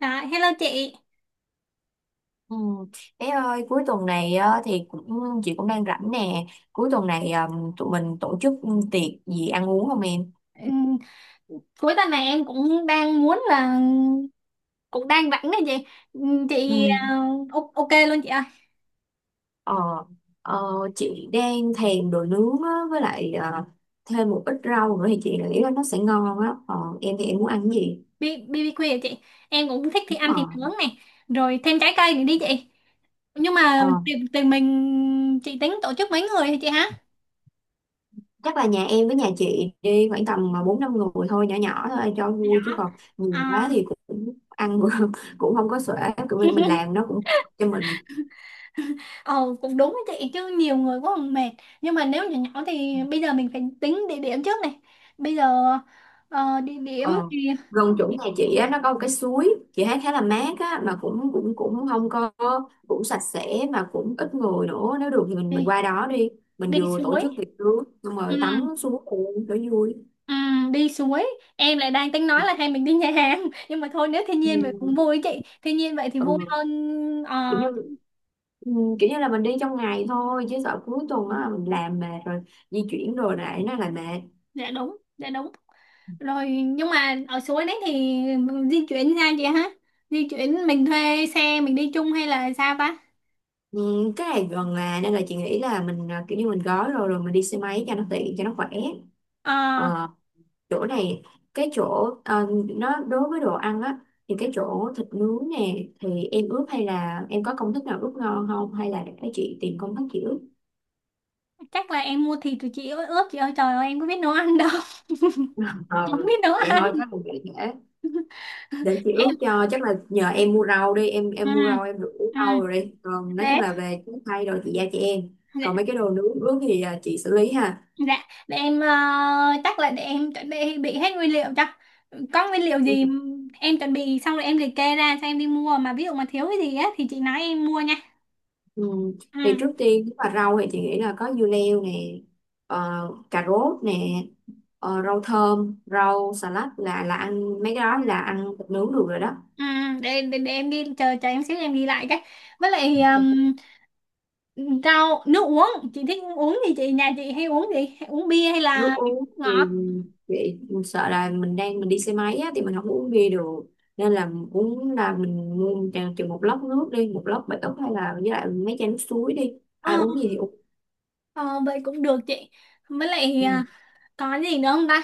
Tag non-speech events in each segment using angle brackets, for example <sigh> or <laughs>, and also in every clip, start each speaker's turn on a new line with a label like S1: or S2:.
S1: À, hello chị.
S2: Ừ. Bé ơi cuối tuần này á, thì cũng chị cũng đang rảnh nè. Cuối tuần này tụi mình tổ chức tiệc gì ăn uống không em?
S1: Ừm, Cuối tuần này em cũng đang muốn là cũng đang rảnh đấy chị. Chị
S2: Ừ.
S1: à, ok luôn chị ơi.
S2: ờ, ờ, chị đang thèm đồ nướng á, với lại thêm một ít rau nữa thì chị nghĩ là nó sẽ ngon á. Ờ, em thì em muốn ăn cái gì?
S1: Bi BBQ hả chị. Em cũng thích
S2: ờ,
S1: thì ăn thịt nướng này, rồi thêm trái cây nữa đi chị. Nhưng
S2: ờ,
S1: mà tiền tiền mình chị tính tổ chức mấy người hả chị hả?
S2: Chắc là nhà em với nhà chị đi khoảng tầm mà bốn năm người thôi, nhỏ nhỏ thôi cho vui chứ
S1: Nhỏ.
S2: còn nhiều quá
S1: À.
S2: thì cũng ăn <laughs> cũng không có xuể, kiểu mình làm
S1: <laughs>
S2: nó cũng cho mình.
S1: Ờ cũng đúng đấy chị, chứ nhiều người quá còn mệt. Nhưng mà nếu nhỏ nhỏ thì bây giờ mình phải tính địa điểm trước này. Bây giờ địa điểm
S2: Ờ,
S1: thì đi,
S2: Gần chỗ nhà chị á, nó có một cái suối chị thấy khá là mát á mà cũng cũng cũng không có, cũng sạch sẽ mà cũng ít người nữa, nếu được thì mình
S1: đi,
S2: qua đó đi, mình
S1: đi
S2: vừa tổ
S1: suối.
S2: chức tiệc cưới xong
S1: Ừ.
S2: rồi tắm suối luôn để vui.
S1: Ừ, đi suối, em lại đang tính nói là hay mình đi nhà hàng <laughs> nhưng mà thôi nếu thiên nhiên vậy cũng
S2: Ừ.
S1: vui ấy chị, thiên nhiên vậy thì vui
S2: Ừ.
S1: hơn.
S2: Kiểu như
S1: ờ
S2: ừ, là mình đi trong ngày thôi chứ sợ cuối tuần á mình làm mệt rồi di chuyển rồi lại nó lại mệt.
S1: dạ đúng, dạ đúng rồi. Nhưng mà ở suối đấy thì di chuyển ra chị hả? Di chuyển mình thuê xe mình đi chung hay là sao ta?
S2: Ừ, cái này gần là nên là chị nghĩ là mình kiểu như mình gói rồi rồi mình đi xe máy cho nó tiện cho nó khỏe.
S1: ờ
S2: Ờ, Chỗ này, cái chỗ nó đối với đồ ăn á, thì cái chỗ thịt nướng nè thì em ướp hay là em có công thức nào ướp ngon không, hay là để chị tìm công thức chị ướp?
S1: Chắc là em mua thịt rồi chị ơi ướp, chị ơi trời ơi em có biết nấu ăn đâu. <laughs>
S2: ờ
S1: Không biết nấu
S2: Vậy
S1: ăn.
S2: thôi chắc mình để để
S1: <laughs>
S2: để chị ướp
S1: Em.
S2: cho, chắc là nhờ em mua rau đi, em
S1: Ừ.
S2: em mua rau em được ướp
S1: Ừ.
S2: rau rồi đi, còn nói chung
S1: Để.
S2: là về trái cây rồi chị giao cho em. Còn mấy cái đồ nướng ướp thì chị xử lý ha.
S1: Dạ, để em chắc là để em chuẩn bị hết nguyên liệu chắc. Có nguyên liệu
S2: Ừ.
S1: gì em chuẩn bị xong rồi em liệt kê ra cho em đi mua, mà ví dụ mà thiếu cái gì á thì chị nói em mua nha.
S2: Ừ.
S1: Ừ.
S2: Thì trước tiên nếu mà rau thì chị nghĩ là có dưa leo nè, ờ, cà rốt nè, rau thơm, rau xà lách, là ăn mấy cái
S1: Ừ,
S2: đó là ăn thịt nướng được rồi đó.
S1: ừ, để em ghi, chờ chờ em xíu em ghi lại cái. Với lại rau, nước uống, chị thích uống gì? Chị nhà chị hay uống gì? Hay uống bia hay
S2: Nước
S1: là
S2: uống
S1: uống ngọt?
S2: thì chị sợ là mình đi xe máy á, thì mình không có uống bia được, nên là uống là mình mua chừng chừng một lốc nước đi, một lốc bể ức hay là với lại mấy chai nước suối đi,
S1: Ờ,
S2: ai uống gì thì uống.
S1: ờ, vậy cũng được chị. Với lại
S2: Ừ.
S1: có gì nữa không ta?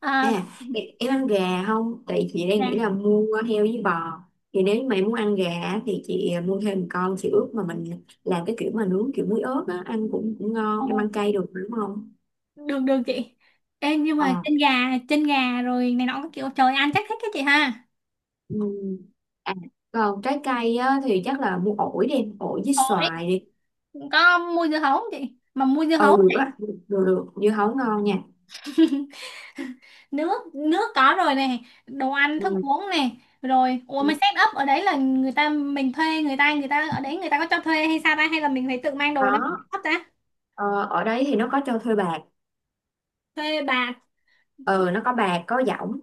S1: À,
S2: À, em ăn gà không? Tại chị đang nghĩ
S1: nè,
S2: là mua heo với bò. Thì nếu như mà em muốn ăn gà á, thì chị mua thêm một con chị ướp, mà mình làm cái kiểu mà nướng kiểu muối ớt á, ăn cũng cũng
S1: ờ,
S2: ngon. Em ăn cay được đúng không?
S1: được được chị. Ê, nhưng mà
S2: À,
S1: chân gà rồi này nọ các kiểu trời, ăn chắc thích cái chị ha.
S2: ừ. À, còn trái cây á, thì chắc là mua ổi đi, ổi với
S1: Ồ,
S2: xoài đi.
S1: có mua dưa hấu không chị? Mà mua dưa hấu.
S2: Ừ được á, được được, dưa hấu ngon nha.
S1: Nước nước có rồi này, đồ ăn thức
S2: Ừ.
S1: uống này. Rồi ủa
S2: Ừ.
S1: mà set up ở đấy là người ta, mình thuê người ta, người ta ở đấy người ta có cho thuê hay sao ta, hay là mình phải tự mang đồ đâu?
S2: Đó.
S1: Hấp ta.
S2: Ở đấy thì nó có cho thuê bạc,
S1: Thuê bà.
S2: ừ nó có bạc có dỏng,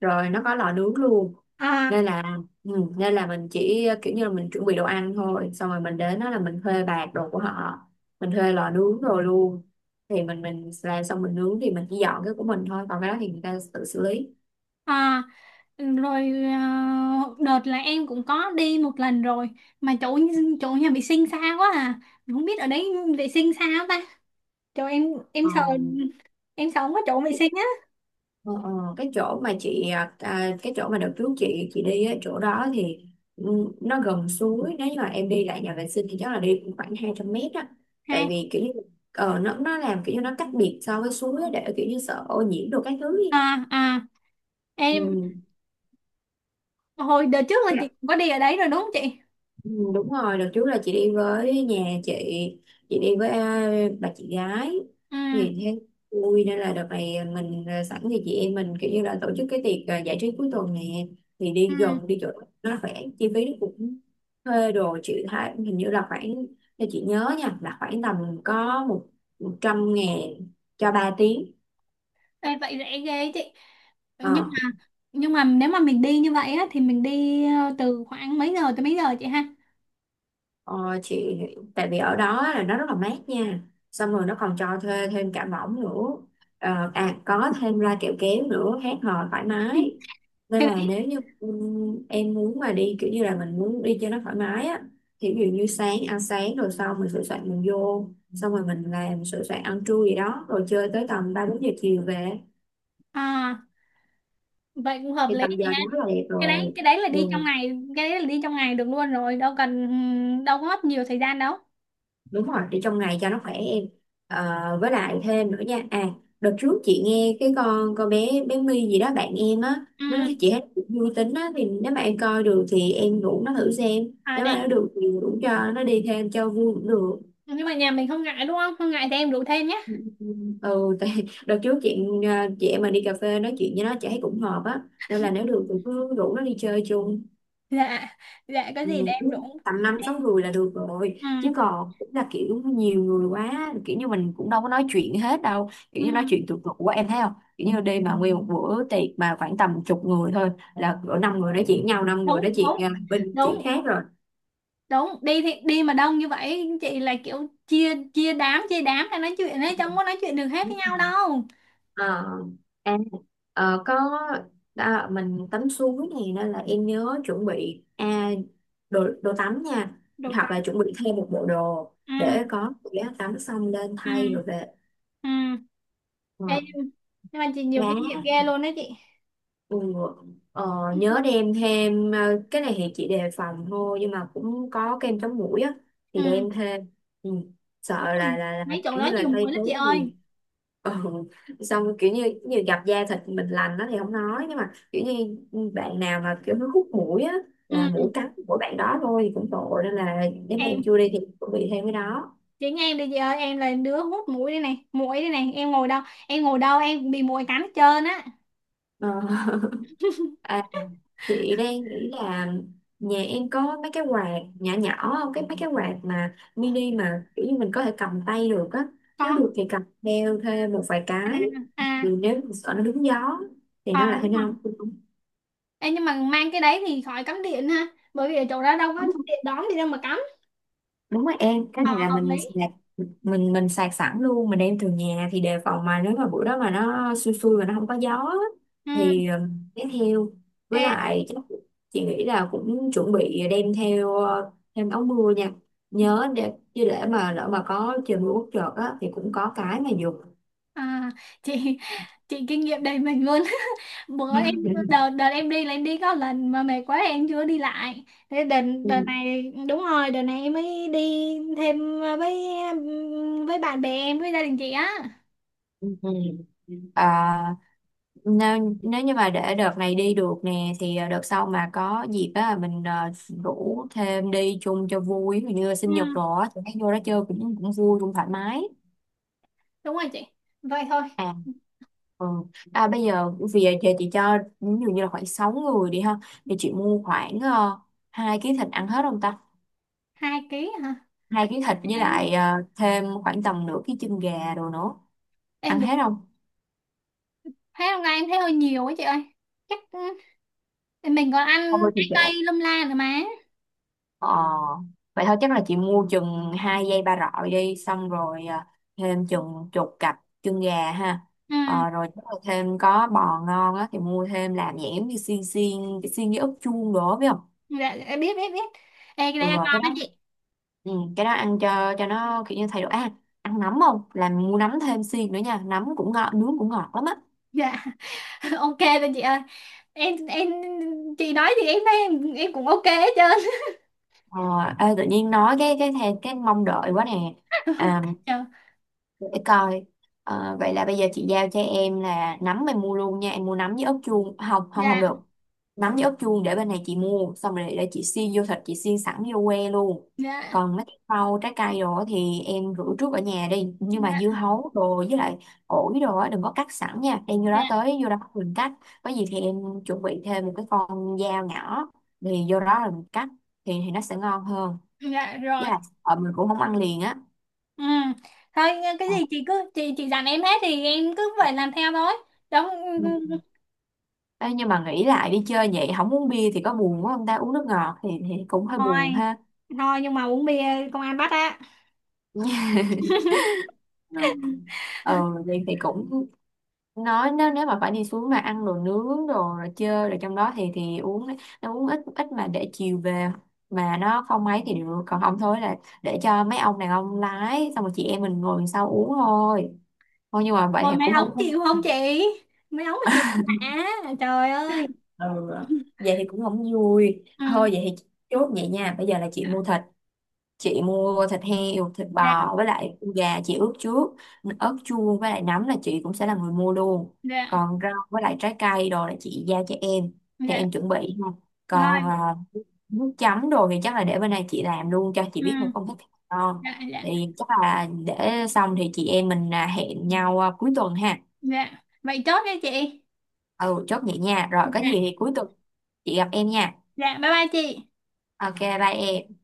S2: rồi nó có lò nướng luôn,
S1: À.
S2: nên là ừ, nên là mình chỉ kiểu như là mình chuẩn bị đồ ăn thôi, xong rồi mình đến đó là mình thuê bạc đồ của họ, mình thuê lò nướng rồi luôn, thì mình làm xong mình nướng thì mình chỉ dọn cái của mình thôi, còn cái đó thì người ta tự xử lý.
S1: À. Rồi đợt là em cũng có đi một lần rồi, mà chỗ chỗ nhà vệ sinh xa quá à. Không biết ở đấy vệ sinh sao ta. Trời em sợ, em sợ không có chỗ vệ
S2: Ờ,
S1: sinh á.
S2: Ờ, ờ, cái chỗ mà chị à, à, cái chỗ mà đợt trước chị đi á, chỗ đó thì ừ, nó gần suối, nếu như mà em đi lại nhà vệ sinh thì chắc là đi cũng khoảng 200 m á, tại
S1: Hay.
S2: vì kiểu như nó làm kiểu như nó cách biệt so với suối á, để kiểu như sợ ô nhiễm đồ các thứ đi.
S1: À à. Em hồi đợt trước là
S2: Ừ.
S1: chị cũng có đi ở đấy rồi đúng không chị?
S2: Ừ, đúng rồi, đợt trước là chị đi với nhà chị, chị đi với à, bà chị gái,
S1: Ừ
S2: thì thấy vui nên là đợt này mình sẵn thì chị em mình kiểu như là tổ chức cái tiệc giải trí cuối tuần nè, thì
S1: ừ.
S2: đi gần đi chỗ nó khỏe, chi phí nó cũng thuê đồ, chị thấy hình như là khoảng, theo chị nhớ nha là khoảng tầm có một 100.000 cho 3 tiếng.
S1: Ê, vậy rẻ ghê chị. Nhưng
S2: Ờ,
S1: mà nhưng mà nếu mà mình đi như vậy á thì mình đi từ khoảng mấy giờ tới mấy giờ chị ha?
S2: Ờ, chị tại vì ở đó là nó rất là mát nha, xong rồi nó còn cho thuê thêm cả võng nữa, có thêm loa kẹo kéo nữa hát hò thoải
S1: <laughs>
S2: mái, nên
S1: Cái
S2: là
S1: đấy.
S2: nếu như em muốn mà đi kiểu như là mình muốn đi cho nó thoải mái á, thì ví dụ như sáng ăn sáng rồi xong mình sửa soạn mình vô, xong rồi mình làm sửa soạn ăn trưa gì đó rồi chơi tới tầm 3-4 giờ chiều về,
S1: À vậy cũng hợp
S2: thì
S1: lý
S2: tầm giờ
S1: chị ha.
S2: đó rất là đẹp rồi.
S1: Cái đấy là
S2: Ừ.
S1: đi trong ngày, cái đấy là đi trong ngày được luôn rồi, đâu cần, đâu có mất nhiều thời gian đâu.
S2: Đúng rồi để trong ngày cho nó khỏe em. Ờ, với lại thêm nữa nha à, đợt trước chị nghe cái con bé bé My gì đó bạn em á, nó
S1: Ừ.
S2: nói chị hết vui tính á, thì nếu mà em coi được thì em rủ nó thử xem,
S1: À
S2: nếu
S1: để.
S2: mà nó được thì rủ cho nó đi thêm cho vui cũng được.
S1: Nhưng mà nhà mình không ngại đúng không? Không ngại thì em rủ thêm nhé.
S2: Ừ ừ, tại <laughs> đợt trước ờ, chị em mà đi cà phê nói chuyện với nó chị thấy cũng hợp á, nên là nếu được thì cứ rủ nó đi chơi chung.
S1: Dạ. Dạ có
S2: Ừ,
S1: gì để em rủ.
S2: đúng. Tầm năm sáu người là được rồi, chứ
S1: Ừ,
S2: còn cũng là kiểu nhiều người quá, kiểu như mình cũng đâu có nói chuyện hết đâu,
S1: ừ,
S2: kiểu như nói chuyện tụt tụt quá em thấy không, kiểu như đi mà nguyên một bữa tiệc mà khoảng tầm chục người thôi là cỡ năm người nói chuyện nhau, năm người
S1: đúng
S2: nói chuyện
S1: đúng,
S2: bên
S1: đúng,
S2: chuyện khác rồi.
S1: đúng đi thì đi, mà đông như vậy chị là kiểu chia, chia đám ra nói chuyện ấy, chẳng có nói chuyện được hết với
S2: Đúng
S1: nhau
S2: rồi.
S1: đâu.
S2: Ờ, à, ờ, có mình tắm suối này nên là em nhớ chuẩn bị đồ đồ tắm nha,
S1: Được
S2: hoặc
S1: lắm.
S2: là chuẩn bị thêm một bộ đồ
S1: Ừ.
S2: để có, để tắm xong lên
S1: Ừ.
S2: thay rồi về.
S1: Ừ.
S2: Ờ,
S1: Ê, nhưng mà chị nhiều
S2: đá.
S1: kinh nghiệm ghê luôn đó chị.
S2: Ừ. Nhớ đem thêm cái này thì chị đề phòng thôi, nhưng mà cũng có kem chống muỗi á thì
S1: Ừ
S2: đem thêm. Ừ. Sợ
S1: đúng rồi,
S2: là là
S1: mấy chỗ
S2: kiểu
S1: đó
S2: như
S1: nhiều
S2: là cây
S1: muỗi lắm
S2: tốn
S1: chị
S2: nhiều.
S1: ơi.
S2: Ừ. Xong kiểu như như gặp da thịt mình lành đó thì không nói, nhưng mà kiểu như bạn nào mà kiểu nó hút muỗi á là muỗi
S1: Ừ
S2: cắn của bạn đó thôi thì cũng tội, nên là nếu mà em
S1: em,
S2: chưa đi thì chuẩn bị thêm cái đó.
S1: chị nghe em đi chị ơi, em là đứa hút muỗi đây này, muỗi đây này, em ngồi đâu, em ngồi đâu em cũng bị muỗi cắn hết trơn á.
S2: Ờ.
S1: <laughs>
S2: À, chị đang nghĩ là nhà em có mấy cái quạt nhỏ nhỏ không? Cái mấy cái quạt mà mini mà kiểu như mình có thể cầm tay được á. Nếu
S1: Có.
S2: được thì cầm theo thêm một vài
S1: À.
S2: cái.
S1: À.
S2: Vì nếu mà sợ nó đúng gió thì
S1: Ờ
S2: nó lại hơi
S1: đúng rồi.
S2: nóng.
S1: Ê, nhưng mà mang cái đấy thì khỏi cắm điện ha, bởi vì ở chỗ đó đâu có điện đóm gì đâu mà cắm.
S2: Đúng rồi em, cái
S1: Ờ
S2: này là
S1: hợp
S2: mình
S1: lý.
S2: sạc mình mình sạc sẵn luôn, mình đem từ nhà thì đề phòng mà nếu mà bữa đó mà nó xui xui mà nó không có gió á,
S1: Ừ.
S2: thì đem theo. Với
S1: Ê,
S2: lại chắc chị nghĩ là cũng chuẩn bị đem theo thêm áo mưa nha, nhớ để chứ để mà lỡ mà có trời mưa bất chợt á thì cũng có cái mà dùng.
S1: à, chị chị kinh nghiệm đầy mình luôn. <laughs> Bữa em, đợt
S2: <laughs>
S1: đợt em đi là em đi có lần mà mệt quá em chưa đi lại. Thế đợt Đợt
S2: Ừ.
S1: này, đúng rồi đợt này em mới đi thêm với bạn bè em với gia đình chị á.
S2: Ừ. Ừ. Nếu như mà để đợt này đi được nè thì đợt sau mà có dịp á mình rủ thêm đi chung cho vui. Ví dụ như
S1: Ừ,
S2: sinh nhật rồi á thì thấy vô đó chơi cũng cũng vui cũng thoải mái.
S1: đúng rồi chị. Vậy thôi.
S2: à ừ. Bây giờ vì giờ chị cho ví dụ như là khoảng 6 người đi ha, thì chị mua khoảng 2 ký thịt ăn hết không ta,
S1: Hai ký hả?
S2: 2 ký thịt với
S1: em,
S2: lại thêm khoảng tầm nửa ký chân gà đồ nữa
S1: em
S2: ăn
S1: được.
S2: hết không?
S1: Thấy hôm nay em thấy hơi nhiều quá chị ơi, chắc thì mình còn ăn
S2: Thôi thì
S1: trái
S2: kệ.
S1: cây lâm la nữa mà.
S2: Ờ, vậy thôi chắc là chị mua chừng hai dây ba rọi đi, xong rồi thêm chừng chục cặp chân gà ha.
S1: Ừ.
S2: Rồi chắc là thêm có bò ngon á thì mua thêm làm dạng giống như xiên xiên, cái xiên với ức chuông đồ biết không.
S1: Dạ dạ, biết biết biết. Ê, cái
S2: Ừ,
S1: đây ăn ngon
S2: cái
S1: đó
S2: đó,
S1: chị.
S2: cái đó ăn cho nó kiểu như thay đổi ăn nấm không, làm mua nấm thêm xiên nữa nha, nấm cũng ngọt, nướng cũng ngọt lắm á.
S1: Dạ. <laughs> Ok rồi chị ơi. em em chị nói thì em thấy em cũng ok hết trơn.
S2: Ờ, ê, tự nhiên nói cái mong đợi quá nè. à,
S1: <laughs> dạ
S2: để coi. Vậy là bây giờ chị giao cho em là nấm em mua luôn nha, em mua nấm với ớt chuông không, không không
S1: dạ
S2: được, nấm với ớt chuông để bên này chị mua, xong rồi để chị xiên vô thịt, chị xiên sẵn vô que luôn.
S1: dạ
S2: Còn mấy cái rau trái cây đồ á thì em rửa trước ở nhà đi, nhưng mà
S1: dạ
S2: dưa hấu đồ với lại ổi đồ á đừng có cắt sẵn nha, đem vô đó
S1: dạ
S2: tới vô đó mình cắt, có gì thì em chuẩn bị thêm một cái con dao nhỏ, thì vô đó rồi mình cắt thì nó sẽ ngon hơn,
S1: dạ,
S2: với
S1: rồi.
S2: lại mình cũng không ăn liền á.
S1: Ừ thôi, cái gì chị cứ chị dặn em hết thì em cứ vậy làm theo thôi. Đúng.
S2: Ờ. Ê, nhưng mà nghĩ lại đi chơi vậy không uống bia thì có buồn quá không ta, uống nước ngọt thì cũng hơi
S1: Thôi,
S2: buồn ha.
S1: nhưng mà uống bia công an bắt á.
S2: Ừ. Vậy thì cũng nói, nếu nếu mà phải đi xuống mà ăn đồ nướng đồ rồi chơi rồi trong đó thì uống, nó uống ít ít mà để chiều về mà nó không mấy thì được, còn không thôi là để cho mấy ông đàn ông lái xong rồi chị em mình ngồi sau uống thôi, thôi nhưng mà vậy
S1: Rồi
S2: thì
S1: mấy
S2: cũng
S1: ống
S2: không
S1: chịu không
S2: không-
S1: chị, mấy ống mà chịu đã, trời ơi.
S2: ừ.
S1: <laughs>
S2: Vậy thì cũng không vui,
S1: Ừ.
S2: thôi vậy thì chốt vậy nha, bây giờ là chị mua thịt heo thịt
S1: dạ
S2: bò với lại con gà chị ướp trước, ớt chuông với lại nấm là chị cũng sẽ là người mua luôn,
S1: dạ
S2: còn rau với lại trái cây đồ là chị giao cho em thì
S1: Dạ
S2: em chuẩn bị ha. Còn
S1: thôi.
S2: nước chấm đồ thì chắc là để bên này chị làm luôn cho, chị
S1: Ừ.
S2: biết một công thức ngon,
S1: dạ dạ
S2: thì chắc là để xong thì chị em mình hẹn nhau cuối tuần ha.
S1: Dạ vậy chốt đi chị.
S2: Ừ chốt vậy nha, rồi có gì
S1: Dạ,
S2: thì cuối tuần chị gặp em nha.
S1: dạ bye bye chị.
S2: Ok bye em.